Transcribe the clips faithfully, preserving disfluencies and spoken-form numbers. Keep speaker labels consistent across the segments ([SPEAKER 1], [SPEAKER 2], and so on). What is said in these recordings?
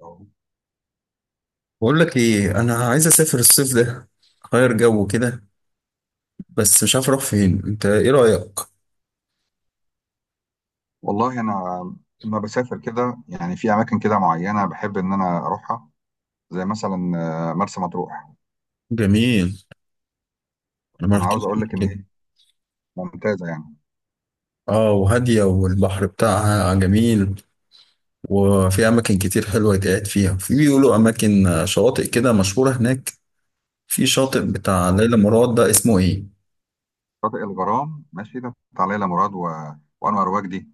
[SPEAKER 1] أه.
[SPEAKER 2] بقول لك ايه، انا عايز اسافر الصيف ده، اغير جو كده. بس مش عارف اروح فين، انت ايه رايك؟
[SPEAKER 1] والله انا لما بسافر كده يعني في اماكن كده معينه بحب ان انا اروحها، زي مثلا آه، مرسى مطروح.
[SPEAKER 2] جميل. انا ما
[SPEAKER 1] انا عاوز
[SPEAKER 2] رحتش
[SPEAKER 1] اقول لك
[SPEAKER 2] قبل
[SPEAKER 1] ان
[SPEAKER 2] كده.
[SPEAKER 1] هي ممتازه يعني.
[SPEAKER 2] اه وهاديه والبحر بتاعها جميل. وفي اماكن كتير حلوه يتقعد فيها. في بيقولوا اماكن آه، شواطئ كده مشهوره هناك. في شاطئ بتاع
[SPEAKER 1] آه،
[SPEAKER 2] ليلى مراد ده اسمه ايه؟
[SPEAKER 1] شاطئ الغرام ماشي، ده بتاع ليلى مراد و... وانور وجدي.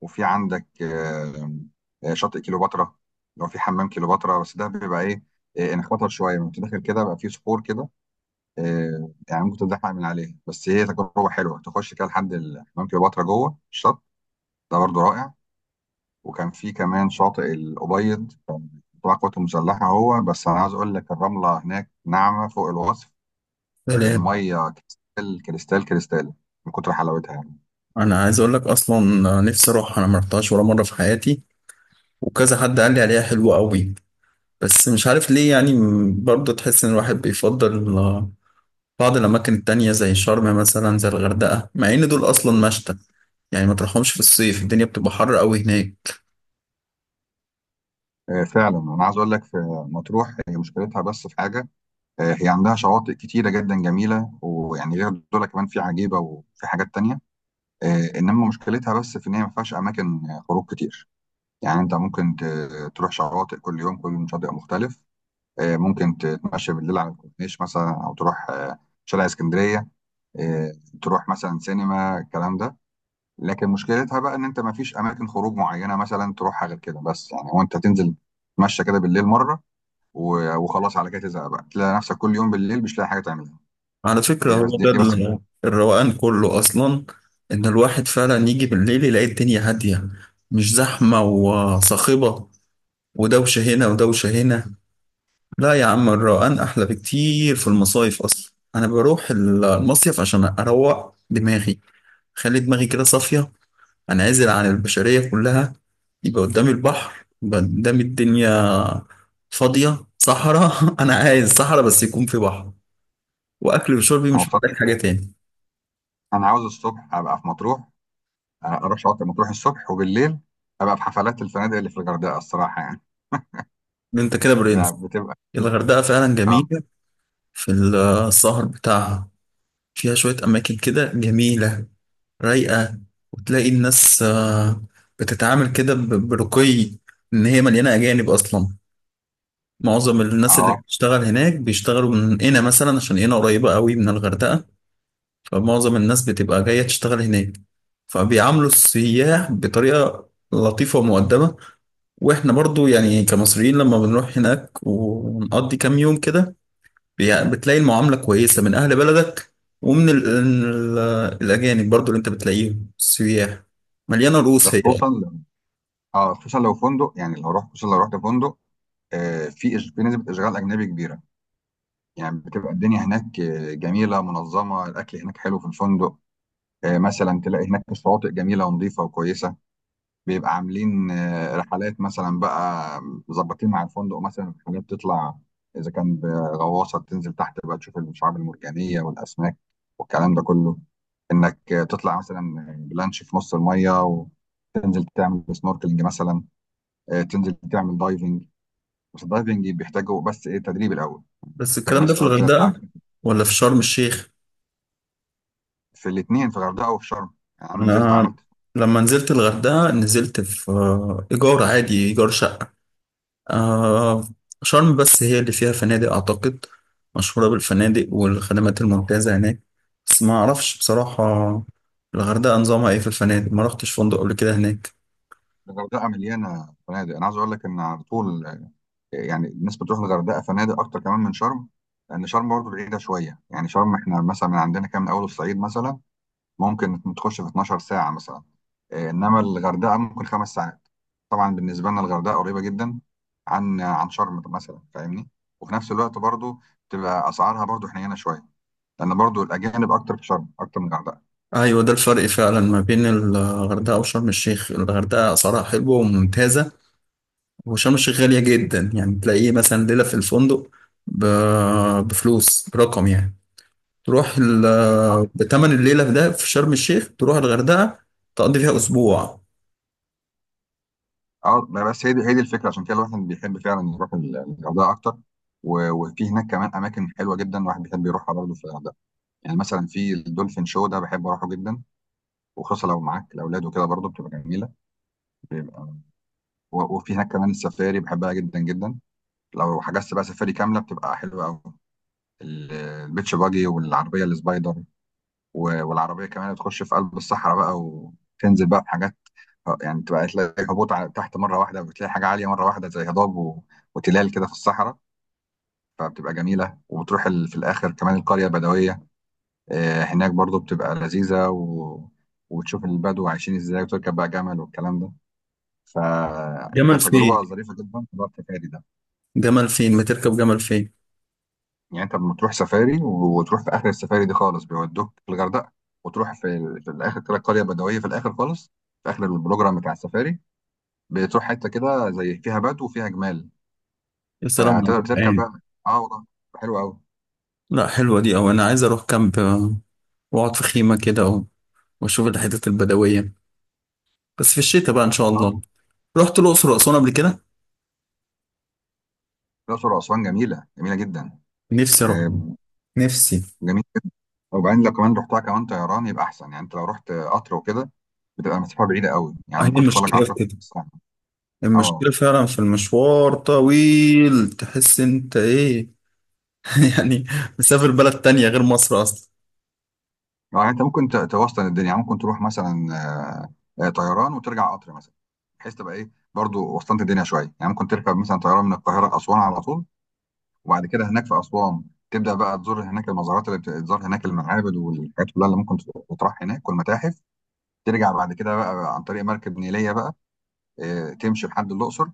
[SPEAKER 1] وفي عندك آه، آه، شاطئ كيلوباترا، لو في حمام كيلوباترا، بس ده بيبقى ايه. آه، انا خطر شويه لما داخل كده، بقى في صخور كده. آه، يعني ممكن تتزحلق من عليه، بس هي تجربه حلوه تخش كده لحد حمام كيلوباترا جوه الشط. ده برضه رائع. وكان في كمان شاطئ الأبيض، كان تبع القوات المسلحة، هو بس أنا عايز أقول لك الرملة هناك ناعمة فوق الوصف.
[SPEAKER 2] سلام.
[SPEAKER 1] المية كريستال كريستال كريستال من كتر حلاوتها يعني.
[SPEAKER 2] انا عايز اقول لك اصلا آه، نفسي اروح، انا ما رحتهاش ولا مره في حياتي. وكذا حد قال لي عليها حلوه قوي. بس مش عارف ليه، يعني م- برضه تحس ان الواحد بيفضل آه، بعض الأماكن التانية زي شرم مثلا، زي الغردقة، مع إن دول أصلا مشتى. يعني ما تروحهمش في الصيف، الدنيا بتبقى حر أوي هناك.
[SPEAKER 1] آه، فعلا أنا عايز أقول لك في مطروح هي مشكلتها بس في حاجة. آه، هي عندها شواطئ كتيرة جدا جميلة، ويعني غير دول كمان في عجيبة وفي حاجات تانية. آه، إنما مشكلتها بس في إن هي ما فيهاش أماكن خروج كتير. يعني أنت ممكن ت- تروح شواطئ كل يوم، كل يوم شاطئ مختلف. آه، ممكن تتمشى بالليل على الكورنيش مثلا، او تروح آه، شارع اسكندريه، آه، تروح مثلا سينما، الكلام ده. لكن مشكلتها بقى ان انت ما فيش اماكن خروج معينه مثلا تروحها غير كده. بس يعني هو انت تنزل تتمشى كده بالليل مره و- وخلاص، على كده تزهق بقى، تلاقي نفسك كل يوم بالليل مش لاقي حاجه تعملها.
[SPEAKER 2] على فكرة
[SPEAKER 1] هي بس
[SPEAKER 2] هو
[SPEAKER 1] دي,
[SPEAKER 2] ده
[SPEAKER 1] دي بس.
[SPEAKER 2] ال- الروقان كله أصلا. إن الواحد فعلا يجي بالليل يلاقي الدنيا هادية، مش زحمة وصاخبة، ودوشة هنا ودوشة هنا. لا يا عم، الروقان أحلى بكتير في المصايف. أصلا أنا بروح المصيف عشان أروق دماغي، خلي دماغي كده صافية، أنعزل عن البشرية كلها، يبقى قدامي البحر، يبقى قدامي الدنيا فاضية صحراء. أنا عايز صحراء بس يكون في بحر، وأكل وشربي،
[SPEAKER 1] انا
[SPEAKER 2] مش
[SPEAKER 1] بصراحه
[SPEAKER 2] محتاج حاجة تاني.
[SPEAKER 1] انا عاوز الصبح ابقى في مطروح، آه، اروح شاطئ مطروح الصبح، وبالليل ابقى في حفلات الفنادق اللي في الغردقه، الصراحه يعني.
[SPEAKER 2] أنت كده
[SPEAKER 1] ب-
[SPEAKER 2] برنس.
[SPEAKER 1] بتبقى
[SPEAKER 2] الغردقة فعلا
[SPEAKER 1] اه
[SPEAKER 2] جميلة في السهر بتاعها. فيها شوية أماكن كده جميلة، رايقة. وتلاقي الناس آه، بتتعامل كده ب- برقي. إن هي مليانة أجانب أصلا. معظم الناس اللي
[SPEAKER 1] اه.
[SPEAKER 2] بتشتغل هناك بيشتغلوا من هنا مثلا، عشان هنا قريبة قوي من الغردقة. فمعظم الناس بتبقى جاية تشتغل هناك، فبيعاملوا السياح بطريقة لطيفة ومؤدبة. واحنا برضو يعني كمصريين، لما بنروح هناك ونقضي كام يوم كده بي- بتلاقي المعاملة كويسة من أهل بلدك. ومن ال ال الأجانب برضو اللي أنت بتلاقيهم السياح. مليانة
[SPEAKER 1] ده
[SPEAKER 2] رؤوس هي.
[SPEAKER 1] خصوصا، اه، خصوصا لو فندق، يعني لو رحت، خصوصا لو رحت فندق، آه في إش- في نسبه اشغال اجنبي كبيره. يعني بتبقى الدنيا هناك آه، جميله منظمه، الاكل هناك حلو في الفندق. آه مثلا تلاقي هناك الشواطئ جميله ونظيفه وكويسه. بيبقى عاملين آه رحلات مثلا بقى، مظبطين مع الفندق مثلا رحلات تطلع، اذا كان بغواصه تنزل تحت بقى تشوف الشعاب المرجانيه والاسماك والكلام ده كله، انك آه، تطلع مثلا بلانش في نص الميه وتنزل تعمل سنوركلينج مثلا، آه، تنزل تعمل دايفنج. بس الدايفنج بيحتاجوا بس ايه تدريب الاول،
[SPEAKER 2] بس
[SPEAKER 1] بيحتاج
[SPEAKER 2] الكلام ده
[SPEAKER 1] بس
[SPEAKER 2] في
[SPEAKER 1] الاول ثلاث ساعات،
[SPEAKER 2] الغردقة ولا في شرم الشيخ؟
[SPEAKER 1] في الاثنين في الغردقه وفي شرم. يعني انا نزلت
[SPEAKER 2] أنا
[SPEAKER 1] عملت.
[SPEAKER 2] لما نزلت الغردقة، نزلت في آه، إيجار عادي، إيجار شقة. آه شرم بس هي اللي فيها فنادق أعتقد، مشهورة بالفنادق والخدمات الممتازة هناك. بس ما أعرفش بصراحة الغردقة نظامها إيه في الفنادق، ما رحتش فندق قبل كده هناك.
[SPEAKER 1] الغردقه مليانه فنادق، انا عايز اقول لك ان على طول يعني الناس بتروح الغردقه فنادق اكتر كمان من شرم، لان شرم برضه بعيده شويه. يعني شرم احنا مثلا من عندنا كام، من اول الصعيد مثلا ممكن تخش في اتناشر ساعه مثلا. إيه، انما الغردقه ممكن خمس ساعات. طبعا بالنسبه لنا الغردقه قريبه جدا عن عن شرم مثلا، فاهمني. وفي نفس الوقت برضه تبقى اسعارها برضه حنينه شويه، لان برضو الاجانب اكتر في شرم اكتر من الغردقه.
[SPEAKER 2] أيوة، ده الفرق فعلا ما بين الغردقة وشرم الشيخ. الغردقة أسعارها حلوة وممتازة، وشرم الشيخ غالية جدا. يعني تلاقيه مثلا ليلة في الفندق ب- بفلوس برقم يعني. تروح ال- بتمن الليلة في ده في شرم الشيخ، تروح الغردقة تقضي فيها أسبوع.
[SPEAKER 1] اه ما بس هي دي، هي دي الفكره، عشان كده الواحد بيحب فعلا يروح ال- الغردقه اكتر. و- وفي هناك كمان اماكن حلوه جدا الواحد بيحب يروحها برضه في الغردقه. يعني مثلا في الدولفين شو، ده بحب اروحه جدا، وخصوصا لو معاك الاولاد وكده برضه بتبقى جميله. بيبقى و- وفي هناك كمان السفاري، بحبها جدا جدا. لو حجزت بقى سفاري كامله بتبقى حلوه قوي، ال- البيتش باجي والعربيه السبايدر. و- والعربيه كمان بتخش في قلب الصحراء بقى، وتنزل بقى بحاجات. اه يعني تبقى تلاقي هبوط على تحت مره واحده، وبتلاقي حاجه عاليه مره واحده، زي هضاب و... وتلال كده في الصحراء. فبتبقى جميله. وبتروح ال... في الاخر كمان القريه البدويه. آه هناك برضو بتبقى لذيذه و... وتشوف البدو عايشين ازاي، وتركب بقى جمل والكلام ده.
[SPEAKER 2] جمل
[SPEAKER 1] فكانت
[SPEAKER 2] فين؟
[SPEAKER 1] تجربه ظريفه جدا في موضوع السفاري ده.
[SPEAKER 2] جمل فين، ما تركب جمل فين؟
[SPEAKER 1] يعني انت لما تروح سفاري و- وتروح في اخر السفاري دي خالص، بيودوك في الغردقه. وتروح في, ال... في الاخر كده قريه بدويه في الاخر خالص، في اخر البروجرام بتاع السفاري، بتروح حته كده زي فيها بدو وفيها جمال،
[SPEAKER 2] يا سلام على
[SPEAKER 1] فتقدر تركب
[SPEAKER 2] الروقان.
[SPEAKER 1] بقى. اه والله حلو قوي.
[SPEAKER 2] لا، حلوة دي أوي. أنا عايز أروح كامب آه، وأقعد في خيمة كده و- وأشوف الحتت البدوية. بس في الشتاء بقى إن شاء
[SPEAKER 1] اه،
[SPEAKER 2] الله. رحت الأقصر وأسوان قبل كده.
[SPEAKER 1] الاقصر واسوان جميله، جميله جدا.
[SPEAKER 2] نفسي أروح.
[SPEAKER 1] آه
[SPEAKER 2] نفسي.
[SPEAKER 1] جميل. وبعدين لو كمان رحتها كمان طيران يبقى احسن، يعني انت لو رحت قطر وكده بتبقى مسافه بعيده قوي، يعني
[SPEAKER 2] هي
[SPEAKER 1] ممكن تاخد لك
[SPEAKER 2] المشكلة في
[SPEAKER 1] عشرة
[SPEAKER 2] كده.
[SPEAKER 1] ساعه.
[SPEAKER 2] المشكلة
[SPEAKER 1] اه
[SPEAKER 2] فعلا في المشوار طويل، تحس أنت إيه يعني مسافر بلد تانية غير مصر أصلا.
[SPEAKER 1] يعني انت ممكن ت- توسطن الدنيا، يعني ممكن تروح مثلا آه، آه، طيران وترجع قطر مثلا، بحيث تبقى ايه برضو وسطنت الدنيا شويه. يعني ممكن تركب مثلا طيران من القاهره لاسوان على طول، وبعد كده هناك في اسوان تبدا بقى تزور هناك المزارات، اللي بتزور هناك المعابد والحاجات كلها اللي ممكن تروح هناك، والمتاحف. ترجع بعد كده بقى عن طريق مركب نيلية بقى، آه، تمشي لحد الأقصر.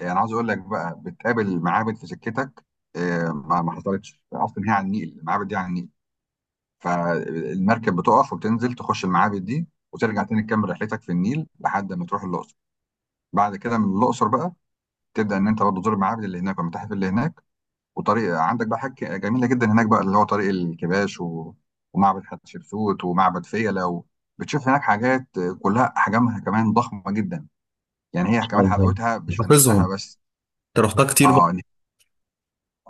[SPEAKER 1] آه، أنا عاوز أقول لك بقى بتقابل معابد في سكتك، آه، ما ما حصلتش أصلا، هي على النيل، المعابد دي على النيل، فالمركب بتقف وبتنزل تخش المعابد دي وترجع تاني تكمل رحلتك في النيل لحد ما تروح الأقصر. بعد كده من الأقصر بقى تبدأ إن أنت برضه تزور المعابد اللي هناك والمتاحف اللي هناك. وطريق عندك بقى حاجة جميلة جدا هناك بقى، اللي هو طريق الكباش و... ومعبد حتشبسوت ومعبد فيلة و... بتشوف هناك حاجات آه، كلها أحجامها كمان ضخمة جدا.
[SPEAKER 2] إن
[SPEAKER 1] يعني هي
[SPEAKER 2] شاء
[SPEAKER 1] كمان
[SPEAKER 2] الله.
[SPEAKER 1] حلاوتها مش في
[SPEAKER 2] حافظهم.
[SPEAKER 1] نحتها بس.
[SPEAKER 2] أنت رحتها كتير بقى.
[SPEAKER 1] اه إن-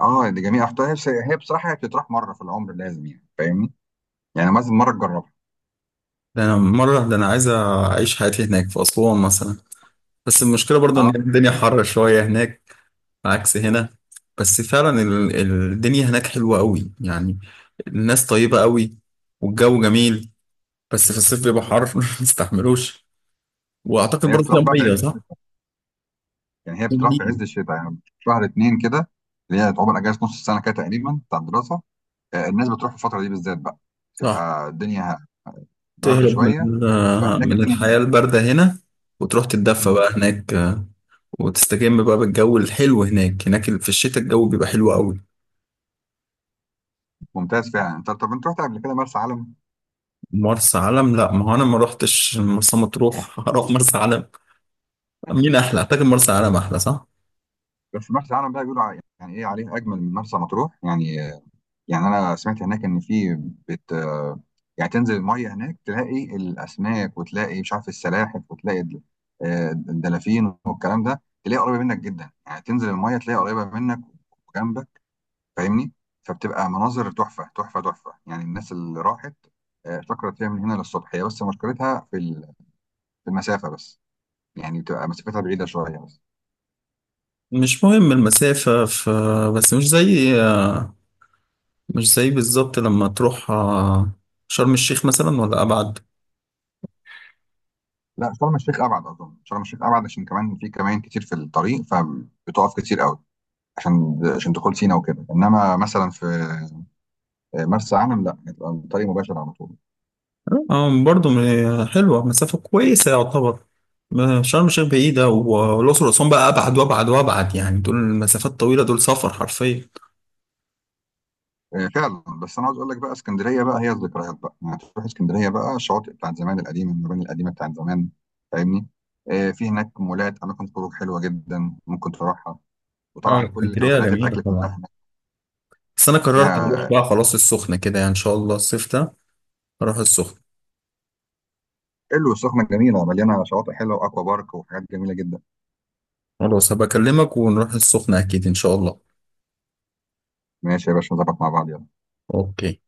[SPEAKER 1] اه دي جميله اختها. هي بس- هي بصراحه هي بتطرح مره في العمر لازم، يعني فاهمني، يعني لازم مره تجربها.
[SPEAKER 2] ده أنا مرة، ده أنا عايز أعيش حياتي هناك في أسوان مثلا. بس المشكلة برضو
[SPEAKER 1] اه
[SPEAKER 2] إن الدنيا حر شوية هناك، عكس هنا. بس فعلا ال- الدنيا هناك حلوة قوي يعني. الناس طيبة قوي، والجو جميل. بس في الصيف بيبقى حر ما تستحملوش. وأعتقد
[SPEAKER 1] هي
[SPEAKER 2] برضو فيها
[SPEAKER 1] بتطرح بقى في
[SPEAKER 2] مية،
[SPEAKER 1] عز،
[SPEAKER 2] صح؟
[SPEAKER 1] يعني هي
[SPEAKER 2] في
[SPEAKER 1] بتطرح في
[SPEAKER 2] نيل،
[SPEAKER 1] عز الشتاء، يعني في شهر اتنين كده، اللي هي تعتبر اجازه نص السنه كده تقريبا بتاع الدراسه. آه الناس بتروح في الفتره دي بالذات بقى.
[SPEAKER 2] صح.
[SPEAKER 1] تبقى الدنيا بارده
[SPEAKER 2] تهرب من
[SPEAKER 1] شويه، فهناك
[SPEAKER 2] من
[SPEAKER 1] الدنيا
[SPEAKER 2] الحياة الباردة هنا، وتروح تتدفى
[SPEAKER 1] مم.
[SPEAKER 2] بقى هناك آه، وتستجم بقى بالجو الحلو. هناك هناك في الشتاء الجو بيبقى حلو قوي.
[SPEAKER 1] ممتاز فعلا. انت طب انت رحت قبل كده مرسى علم؟
[SPEAKER 2] مرسى علم؟ لا، ما هو انا ما روحتش مرسى مطروح هروح مرسى علم. مين احلى؟ اعتقد مرسى علم احلى، صح؟
[SPEAKER 1] بس مرسى علم بقى بيقولوا ع- يعني ايه عليه اجمل من مرسى مطروح يعني. يعني انا سمعت هناك ان في بت، يعني تنزل الميه هناك تلاقي الاسماك، وتلاقي مش عارف السلاحف، وتلاقي الد- آه، الدلافين والكلام ده، تلاقي قريبه منك جدا. يعني تنزل الميه تلاقي قريبه منك وجنبك، فاهمني. فبتبقى مناظر تحفه تحفه تحفه، يعني الناس اللي راحت آه، افتكرت فيها من هنا للصبح. هي بس مشكلتها في ال- في المسافه بس، يعني بتبقى مسافتها بعيده شويه بس.
[SPEAKER 2] مش مهم المسافة ف... بس مش زي، مش زي بالظبط لما تروح آه، شرم الشيخ مثلا ولا ابعد؟
[SPEAKER 1] لا شرم الشيخ ابعد، اظن شرم الشيخ ابعد، عشان كمان في كمان كتير في الطريق فبتقف كتير قوي، عشان عشان دخول سينا وكده، انما مثلا في مرسى علم لا، هتبقى الطريق مباشر على طول.
[SPEAKER 2] آه، برضو م- حلوة، مسافة كويسة يعتبر. ما- شرم الشيخ بعيدة و- والأقصر وأسوان بقى أبعد وأبعد وأبعد، يعني دول المسافات الطويلة، دول سفر حرفيا.
[SPEAKER 1] آه، فعلا. بس انا عاوز اقول لك بقى اسكندريه بقى هي الذكريات بقى، يعني تروح اسكندريه بقى الشواطئ بتاعت زمان القديمه، المباني القديمه بتاعت زمان، فاهمني. آه، في هناك مولات، اماكن خروج حلوه جدا ممكن تروحها،
[SPEAKER 2] اه،
[SPEAKER 1] وطبعا كل
[SPEAKER 2] اسكندرية
[SPEAKER 1] توكيلات
[SPEAKER 2] جميلة
[SPEAKER 1] الاكل كلها
[SPEAKER 2] طبعا.
[SPEAKER 1] هناك.
[SPEAKER 2] بس أنا قررت أروح
[SPEAKER 1] فيها.
[SPEAKER 2] بقى خلاص السخنة كده، يعني إن شاء الله الصيف ده أروح السخنة.
[SPEAKER 1] حلو السخنه جميله، مليانه شواطئ حلوه، واكوا بارك وحاجات جميله جدا.
[SPEAKER 2] خلاص، هبقى أكلمك ونروح السخنة أكيد إن شاء الله.
[SPEAKER 1] ماشي يا باشا، نظبط مع بعض، يلا.
[SPEAKER 2] أوكي.